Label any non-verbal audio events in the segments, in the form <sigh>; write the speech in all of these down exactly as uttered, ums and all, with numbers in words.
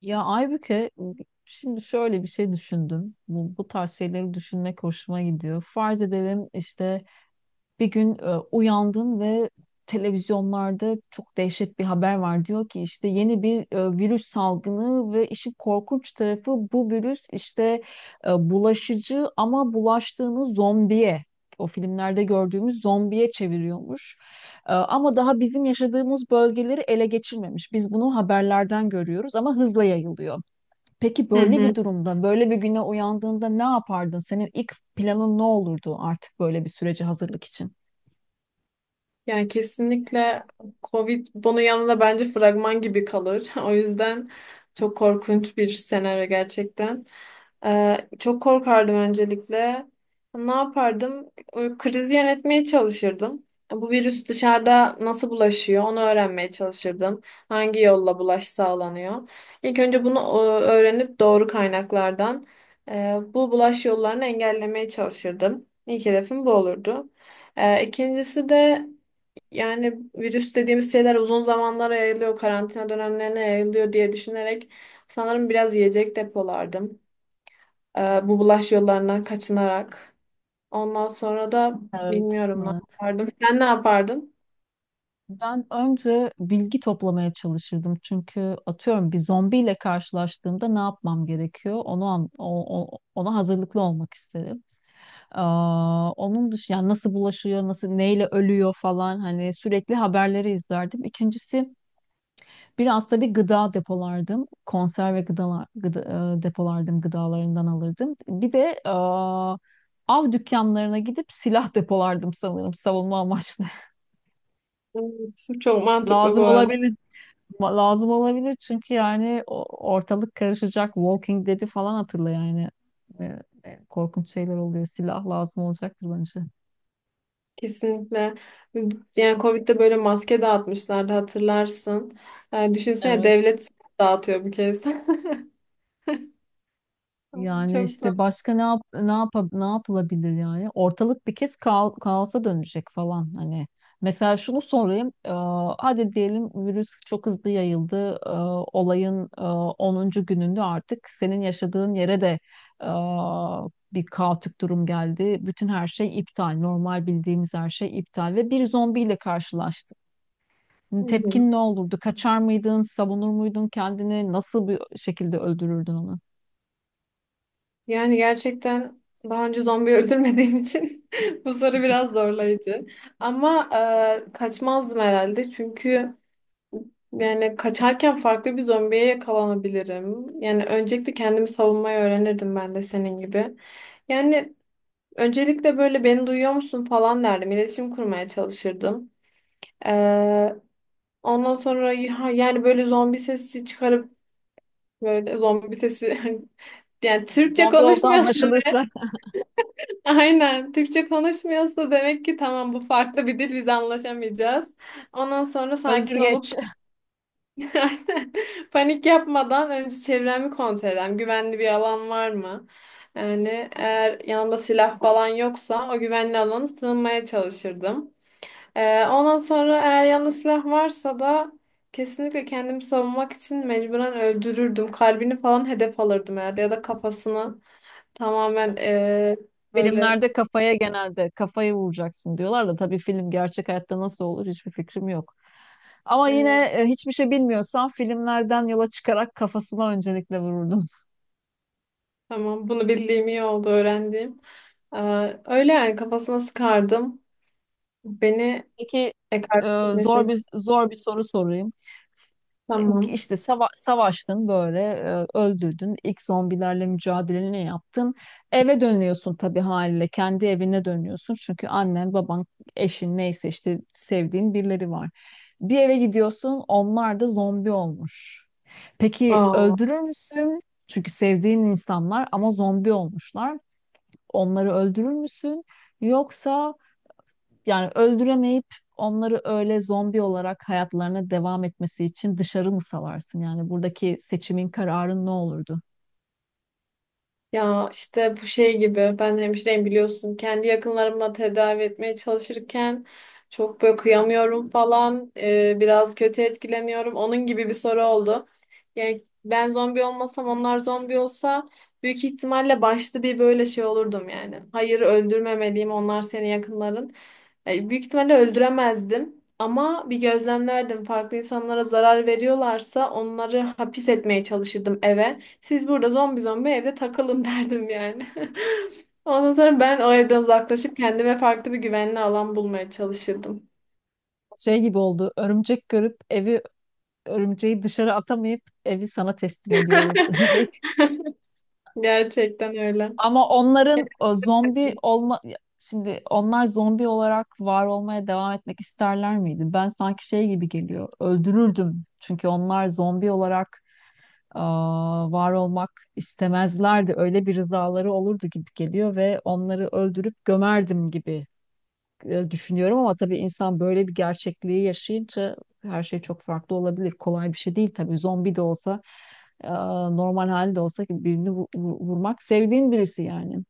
Ya Aybüke, şimdi şöyle bir şey düşündüm. Bu, bu tarz şeyleri düşünmek hoşuma gidiyor. Farz edelim işte bir gün e, uyandın ve televizyonlarda çok dehşet bir haber var. Diyor ki işte yeni bir e, virüs salgını ve işin korkunç tarafı bu virüs işte e, bulaşıcı ama bulaştığını zombiye, o filmlerde gördüğümüz zombiye çeviriyormuş. Ee, Ama daha bizim yaşadığımız bölgeleri ele geçirmemiş. Biz bunu haberlerden görüyoruz ama hızla yayılıyor. Peki Hı böyle hı. bir durumda, böyle bir güne uyandığında ne yapardın? Senin ilk planın ne olurdu artık böyle bir sürece hazırlık için? Yani kesinlikle Covid bunun yanında bence fragman gibi kalır. <laughs> O yüzden çok korkunç bir senaryo gerçekten. Ee, çok korkardım öncelikle. Ne yapardım? Ee, Krizi yönetmeye çalışırdım. Bu virüs dışarıda nasıl bulaşıyor onu öğrenmeye çalışırdım. Hangi yolla bulaş sağlanıyor? İlk önce bunu e, öğrenip doğru kaynaklardan e, bu bulaş yollarını engellemeye çalışırdım. İlk hedefim bu olurdu. Ee, İkincisi de yani virüs dediğimiz şeyler uzun zamanlara yayılıyor, karantina dönemlerine yayılıyor diye düşünerek sanırım biraz yiyecek depolardım. Ee, bu bulaş yollarından kaçınarak. Ondan sonra da Evet. bilmiyorum ne Evet. yapardım. Sen ne yapardın? Ben önce bilgi toplamaya çalışırdım. Çünkü atıyorum bir zombiyle karşılaştığımda ne yapmam gerekiyor? Onu an- o- o- Ona hazırlıklı olmak isterim. Aa, onun dışında yani nasıl bulaşıyor, nasıl neyle ölüyor falan hani sürekli haberleri izlerdim. İkincisi biraz da bir gıda depolardım. Konserve gıdalar gıda, e, depolardım, gıdalarından alırdım. Bir de aa, av dükkanlarına gidip silah depolardım sanırım savunma amaçlı. <laughs> Evet, çok mantıklı bu Lazım arada. olabilir. Ma- Lazım olabilir çünkü yani o- ortalık karışacak. Walking Dead'i falan hatırla yani. E, e, korkunç şeyler oluyor. Silah lazım olacaktır bence. Kesinlikle. Yani Covid'de böyle maske dağıtmışlardı hatırlarsın. Ee, düşünsene devlet dağıtıyor bu kez. <laughs> Yani Çok da. işte başka ne yap ne yap ne yapılabilir yani? Ortalık bir kez kao- kaosa dönecek falan hani. Mesela şunu sorayım. Ee, hadi diyelim virüs çok hızlı yayıldı. Ee, olayın e, onuncu gününde artık senin yaşadığın yere de e, bir kaotik durum geldi. Bütün her şey iptal. Normal bildiğimiz her şey iptal ve bir zombiyle karşılaştık. Hani, tepkin ne olurdu? Kaçar mıydın? Savunur muydun kendini? Nasıl bir şekilde öldürürdün onu? Yani gerçekten daha önce zombi öldürmediğim için <laughs> bu soru biraz zorlayıcı. Ama e, kaçmazdım herhalde çünkü yani kaçarken farklı bir zombiye yakalanabilirim. Yani öncelikle kendimi savunmayı öğrenirdim ben de senin gibi. Yani öncelikle böyle beni duyuyor musun falan derdim. İletişim kurmaya çalışırdım. E, Ondan sonra ya- yani böyle zombi sesi çıkarıp böyle zombi sesi. <laughs> Yani Türkçe Zombi oldu konuşmuyorsun. anlaşılırsa. Aynen. Türkçe konuşmuyorsa demek ki tamam, bu farklı bir dil, biz anlaşamayacağız. Ondan sonra Özür sakin geç. olup <laughs> aynen, panik yapmadan önce çevremi kontrol edelim. Güvenli bir alan var mı? Yani eğer yanımda silah falan yoksa o güvenli alana sığınmaya çalışırdım. Ee, ondan sonra eğer yanında silah varsa da kesinlikle kendimi savunmak için mecburen öldürürdüm. Kalbini falan hedef alırdım herhalde ya da kafasını tamamen ee, böyle. Filmlerde kafaya genelde kafayı vuracaksın diyorlar da tabii film gerçek hayatta nasıl olur hiçbir fikrim yok. Ama yine e, hiçbir şey bilmiyorsan filmlerden yola çıkarak kafasına öncelikle vururdum. Tamam, bunu bildiğim iyi oldu, öğrendiğim. Ee, öyle yani kafasına sıkardım. <laughs> Beni Peki ekart e, zor etmesine bir zor bir soru sorayım. tamam. İşte sava- savaştın böyle e, öldürdün ilk zombilerle mücadeleni yaptın, eve dönüyorsun, tabii haliyle kendi evine dönüyorsun çünkü annen baban eşin neyse işte sevdiğin birileri var, bir eve gidiyorsun, onlar da zombi olmuş. Peki Aa, öldürür müsün? Çünkü sevdiğin insanlar ama zombi olmuşlar. Onları öldürür müsün, yoksa yani öldüremeyip onları öyle zombi olarak hayatlarına devam etmesi için dışarı mı salarsın? Yani buradaki seçimin, kararın ne olurdu? ya işte bu şey gibi, ben hemşireyim biliyorsun. Kendi yakınlarıma tedavi etmeye çalışırken çok böyle kıyamıyorum falan. Ee, biraz kötü etkileniyorum. Onun gibi bir soru oldu. Yani ben zombi olmasam onlar zombi olsa büyük ihtimalle başta bir böyle şey olurdum yani. Hayır, öldürmemeliyim, onlar senin yakınların. E, Büyük ihtimalle öldüremezdim ama bir gözlemlerdim. Farklı insanlara zarar veriyorlarsa onları hapis etmeye çalışırdım eve. Siz burada zombi zombi evde takılın <laughs> derdim yani. <laughs> Ondan sonra ben o evden uzaklaşıp kendime farklı bir güvenli alan bulmaya çalışırdım. Şey gibi oldu. Örümcek görüp evi, örümceği dışarı atamayıp evi sana teslim ediyorum. <laughs> diye. <laughs> Gerçekten öyle. Ama onların o zombi olma, şimdi onlar zombi olarak var olmaya devam etmek isterler miydi? Ben sanki şey gibi geliyor. Öldürürdüm. Çünkü onlar zombi olarak aa, var olmak istemezlerdi. Öyle bir rızaları olurdu gibi geliyor ve onları öldürüp gömerdim gibi e, düşünüyorum ama tabii insan böyle bir gerçekliği yaşayınca her şey çok farklı olabilir. Kolay bir şey değil tabii. Zombi de olsa, aa, normal halde de olsa birini vu- vu- vurmak, sevdiğin birisi yani.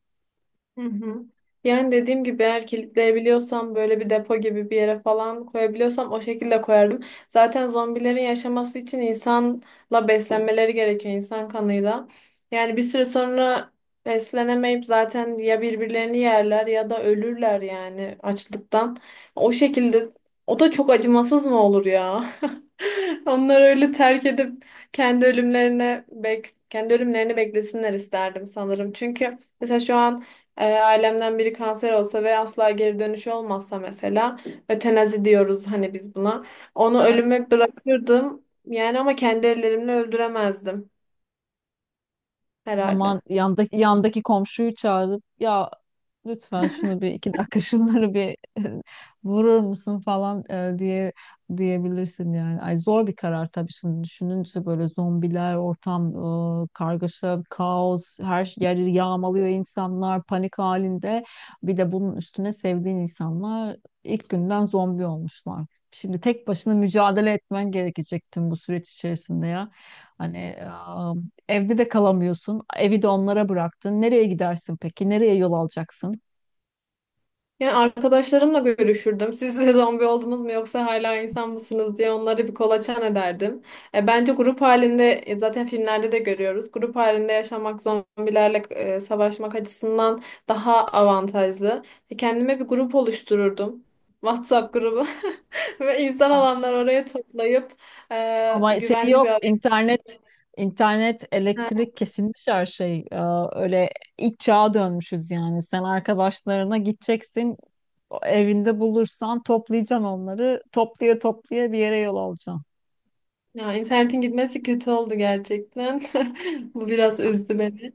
Hı hı. Yani dediğim gibi eğer kilitleyebiliyorsam böyle bir depo gibi bir yere falan koyabiliyorsam o şekilde koyardım. Zaten zombilerin yaşaması için insanla beslenmeleri gerekiyor, insan kanıyla. Yani bir süre sonra beslenemeyip zaten ya birbirlerini yerler ya da ölürler yani açlıktan. O şekilde, o da çok acımasız mı olur ya? <laughs> Onları öyle terk edip kendi ölümlerine bek kendi ölümlerini beklesinler isterdim sanırım. Çünkü mesela şu an eğer ailemden biri kanser olsa ve asla geri dönüşü olmazsa mesela ötenazi diyoruz hani biz buna. Onu ölüme bırakırdım yani ama kendi ellerimle öldüremezdim O zaman herhalde. yandaki, yandaki komşuyu çağırıp ya lütfen şunu bir iki dakika şunları bir <laughs> vurur musun falan e, diye diyebilirsin yani. Ay zor bir karar tabii, şimdi düşününce böyle zombiler, ortam e, kargaşa, kaos, her yeri yağmalıyor, insanlar panik halinde. Bir de bunun üstüne sevdiğin insanlar ilk günden zombi olmuşlar. Şimdi tek başına mücadele etmen gerekecek tüm bu süreç içerisinde ya. Hani evde de kalamıyorsun. Evi de onlara bıraktın. Nereye gidersin peki? Nereye yol alacaksın? Yani arkadaşlarımla görüşürdüm. Siz de zombi oldunuz mu yoksa hala insan mısınız diye onları bir kolaçan ederdim. E, bence grup halinde, e, zaten filmlerde de görüyoruz. Grup halinde yaşamak zombilerle e, savaşmak açısından daha avantajlı. E, kendime bir grup oluştururdum. WhatsApp grubu <laughs> ve insan Aha. olanlar oraya toplayıp e, Ama şey güvenli bir yok. araya. İnternet, internet, elektrik kesilmiş, her şey. Ee, öyle ilk çağa dönmüşüz yani. Sen arkadaşlarına gideceksin. Evinde bulursan toplayacaksın onları. Toplaya toplaya bir yere yol alacaksın. Ya internetin gitmesi kötü oldu gerçekten. <laughs> Bu biraz üzdü beni.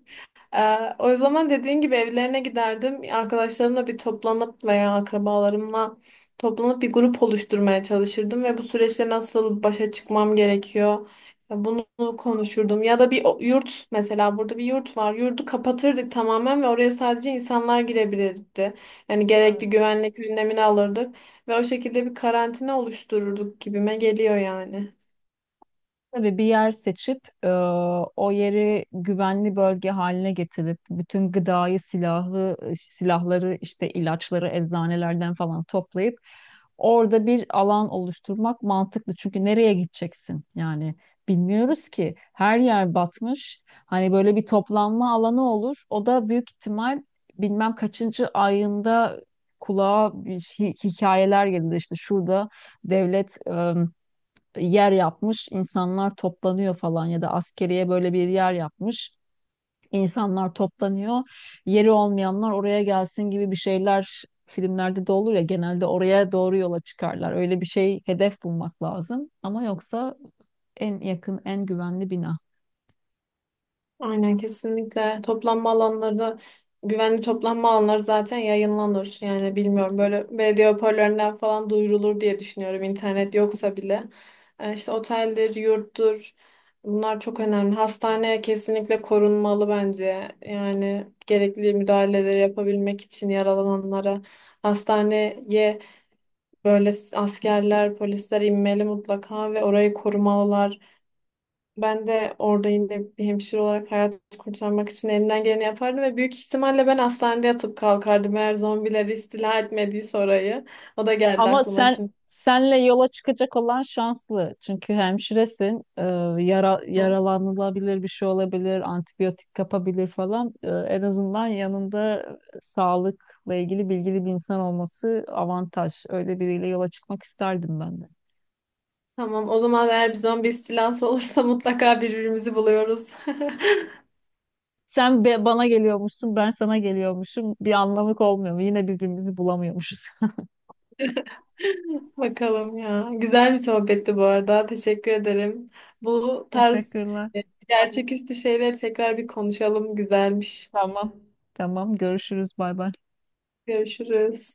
Ee, o zaman dediğin gibi evlerine giderdim. Arkadaşlarımla bir toplanıp veya akrabalarımla toplanıp bir grup oluşturmaya çalışırdım ve bu süreçte nasıl başa çıkmam gerekiyor, e, bunu konuşurdum. Ya da bir o- yurt, mesela burada bir yurt var. Yurdu kapatırdık tamamen ve oraya sadece insanlar girebilirdi. Yani gerekli güvenlik önlemini alırdık ve o şekilde bir karantina oluştururduk gibime geliyor yani. Tabii bir yer seçip e, o yeri güvenli bölge haline getirip bütün gıdayı, silahı, silahları, işte ilaçları eczanelerden falan toplayıp orada bir alan oluşturmak mantıklı. Çünkü nereye gideceksin? Yani bilmiyoruz ki, her yer batmış. Hani böyle bir toplanma alanı olur. O da büyük ihtimal bilmem kaçıncı ayında kulağa bir hi- hikayeler gelir. İşte şurada devlet yer yapmış, insanlar toplanıyor falan ya da askeriye böyle bir yer yapmış, insanlar toplanıyor. Yeri olmayanlar oraya gelsin gibi bir şeyler filmlerde de olur ya, genelde oraya doğru yola çıkarlar. Öyle bir şey, hedef bulmak lazım. Ama yoksa en yakın, en güvenli bina. Aynen, kesinlikle. Toplanma alanları, güvenli toplanma alanları zaten yayınlanır. Yani bilmiyorum, böyle belediye hoparlörlerinden falan duyurulur diye düşünüyorum internet yoksa bile. Ee, işte oteldir, yurttur, bunlar çok önemli. Hastane kesinlikle korunmalı bence. Yani gerekli müdahaleleri yapabilmek için yaralananlara. Hastaneye böyle askerler, polisler inmeli mutlaka ve orayı korumalılar. Ben de orada yine bir hemşire olarak hayat kurtarmak için elimden geleni yapardım ve büyük ihtimalle ben hastanede yatıp kalkardım eğer zombiler istila etmediyse orayı. O da geldi Ama aklıma sen, şimdi. senle yola çıkacak olan şanslı. Çünkü hemşiresin. Ee, yara, Hı. yaralanılabilir bir şey olabilir, antibiyotik kapabilir falan. Ee, en azından yanında e, sağlıkla ilgili bilgili bir insan olması avantaj. Öyle biriyle yola çıkmak isterdim ben de. Tamam, o zaman eğer bir zombi istilası olursa <laughs> mutlaka birbirimizi buluyoruz. <laughs> Sen be- bana geliyormuşsun, ben sana geliyormuşum. Bir anlamı olmuyor mu? Yine birbirimizi bulamıyormuşuz. Bakalım ya. Güzel bir sohbetti bu arada. Teşekkür ederim. Bu <laughs> tarz Teşekkürler. e, gerçeküstü şeyleri tekrar bir konuşalım. Güzelmiş. Tamam. Tamam, görüşürüz. Bay bay. Görüşürüz.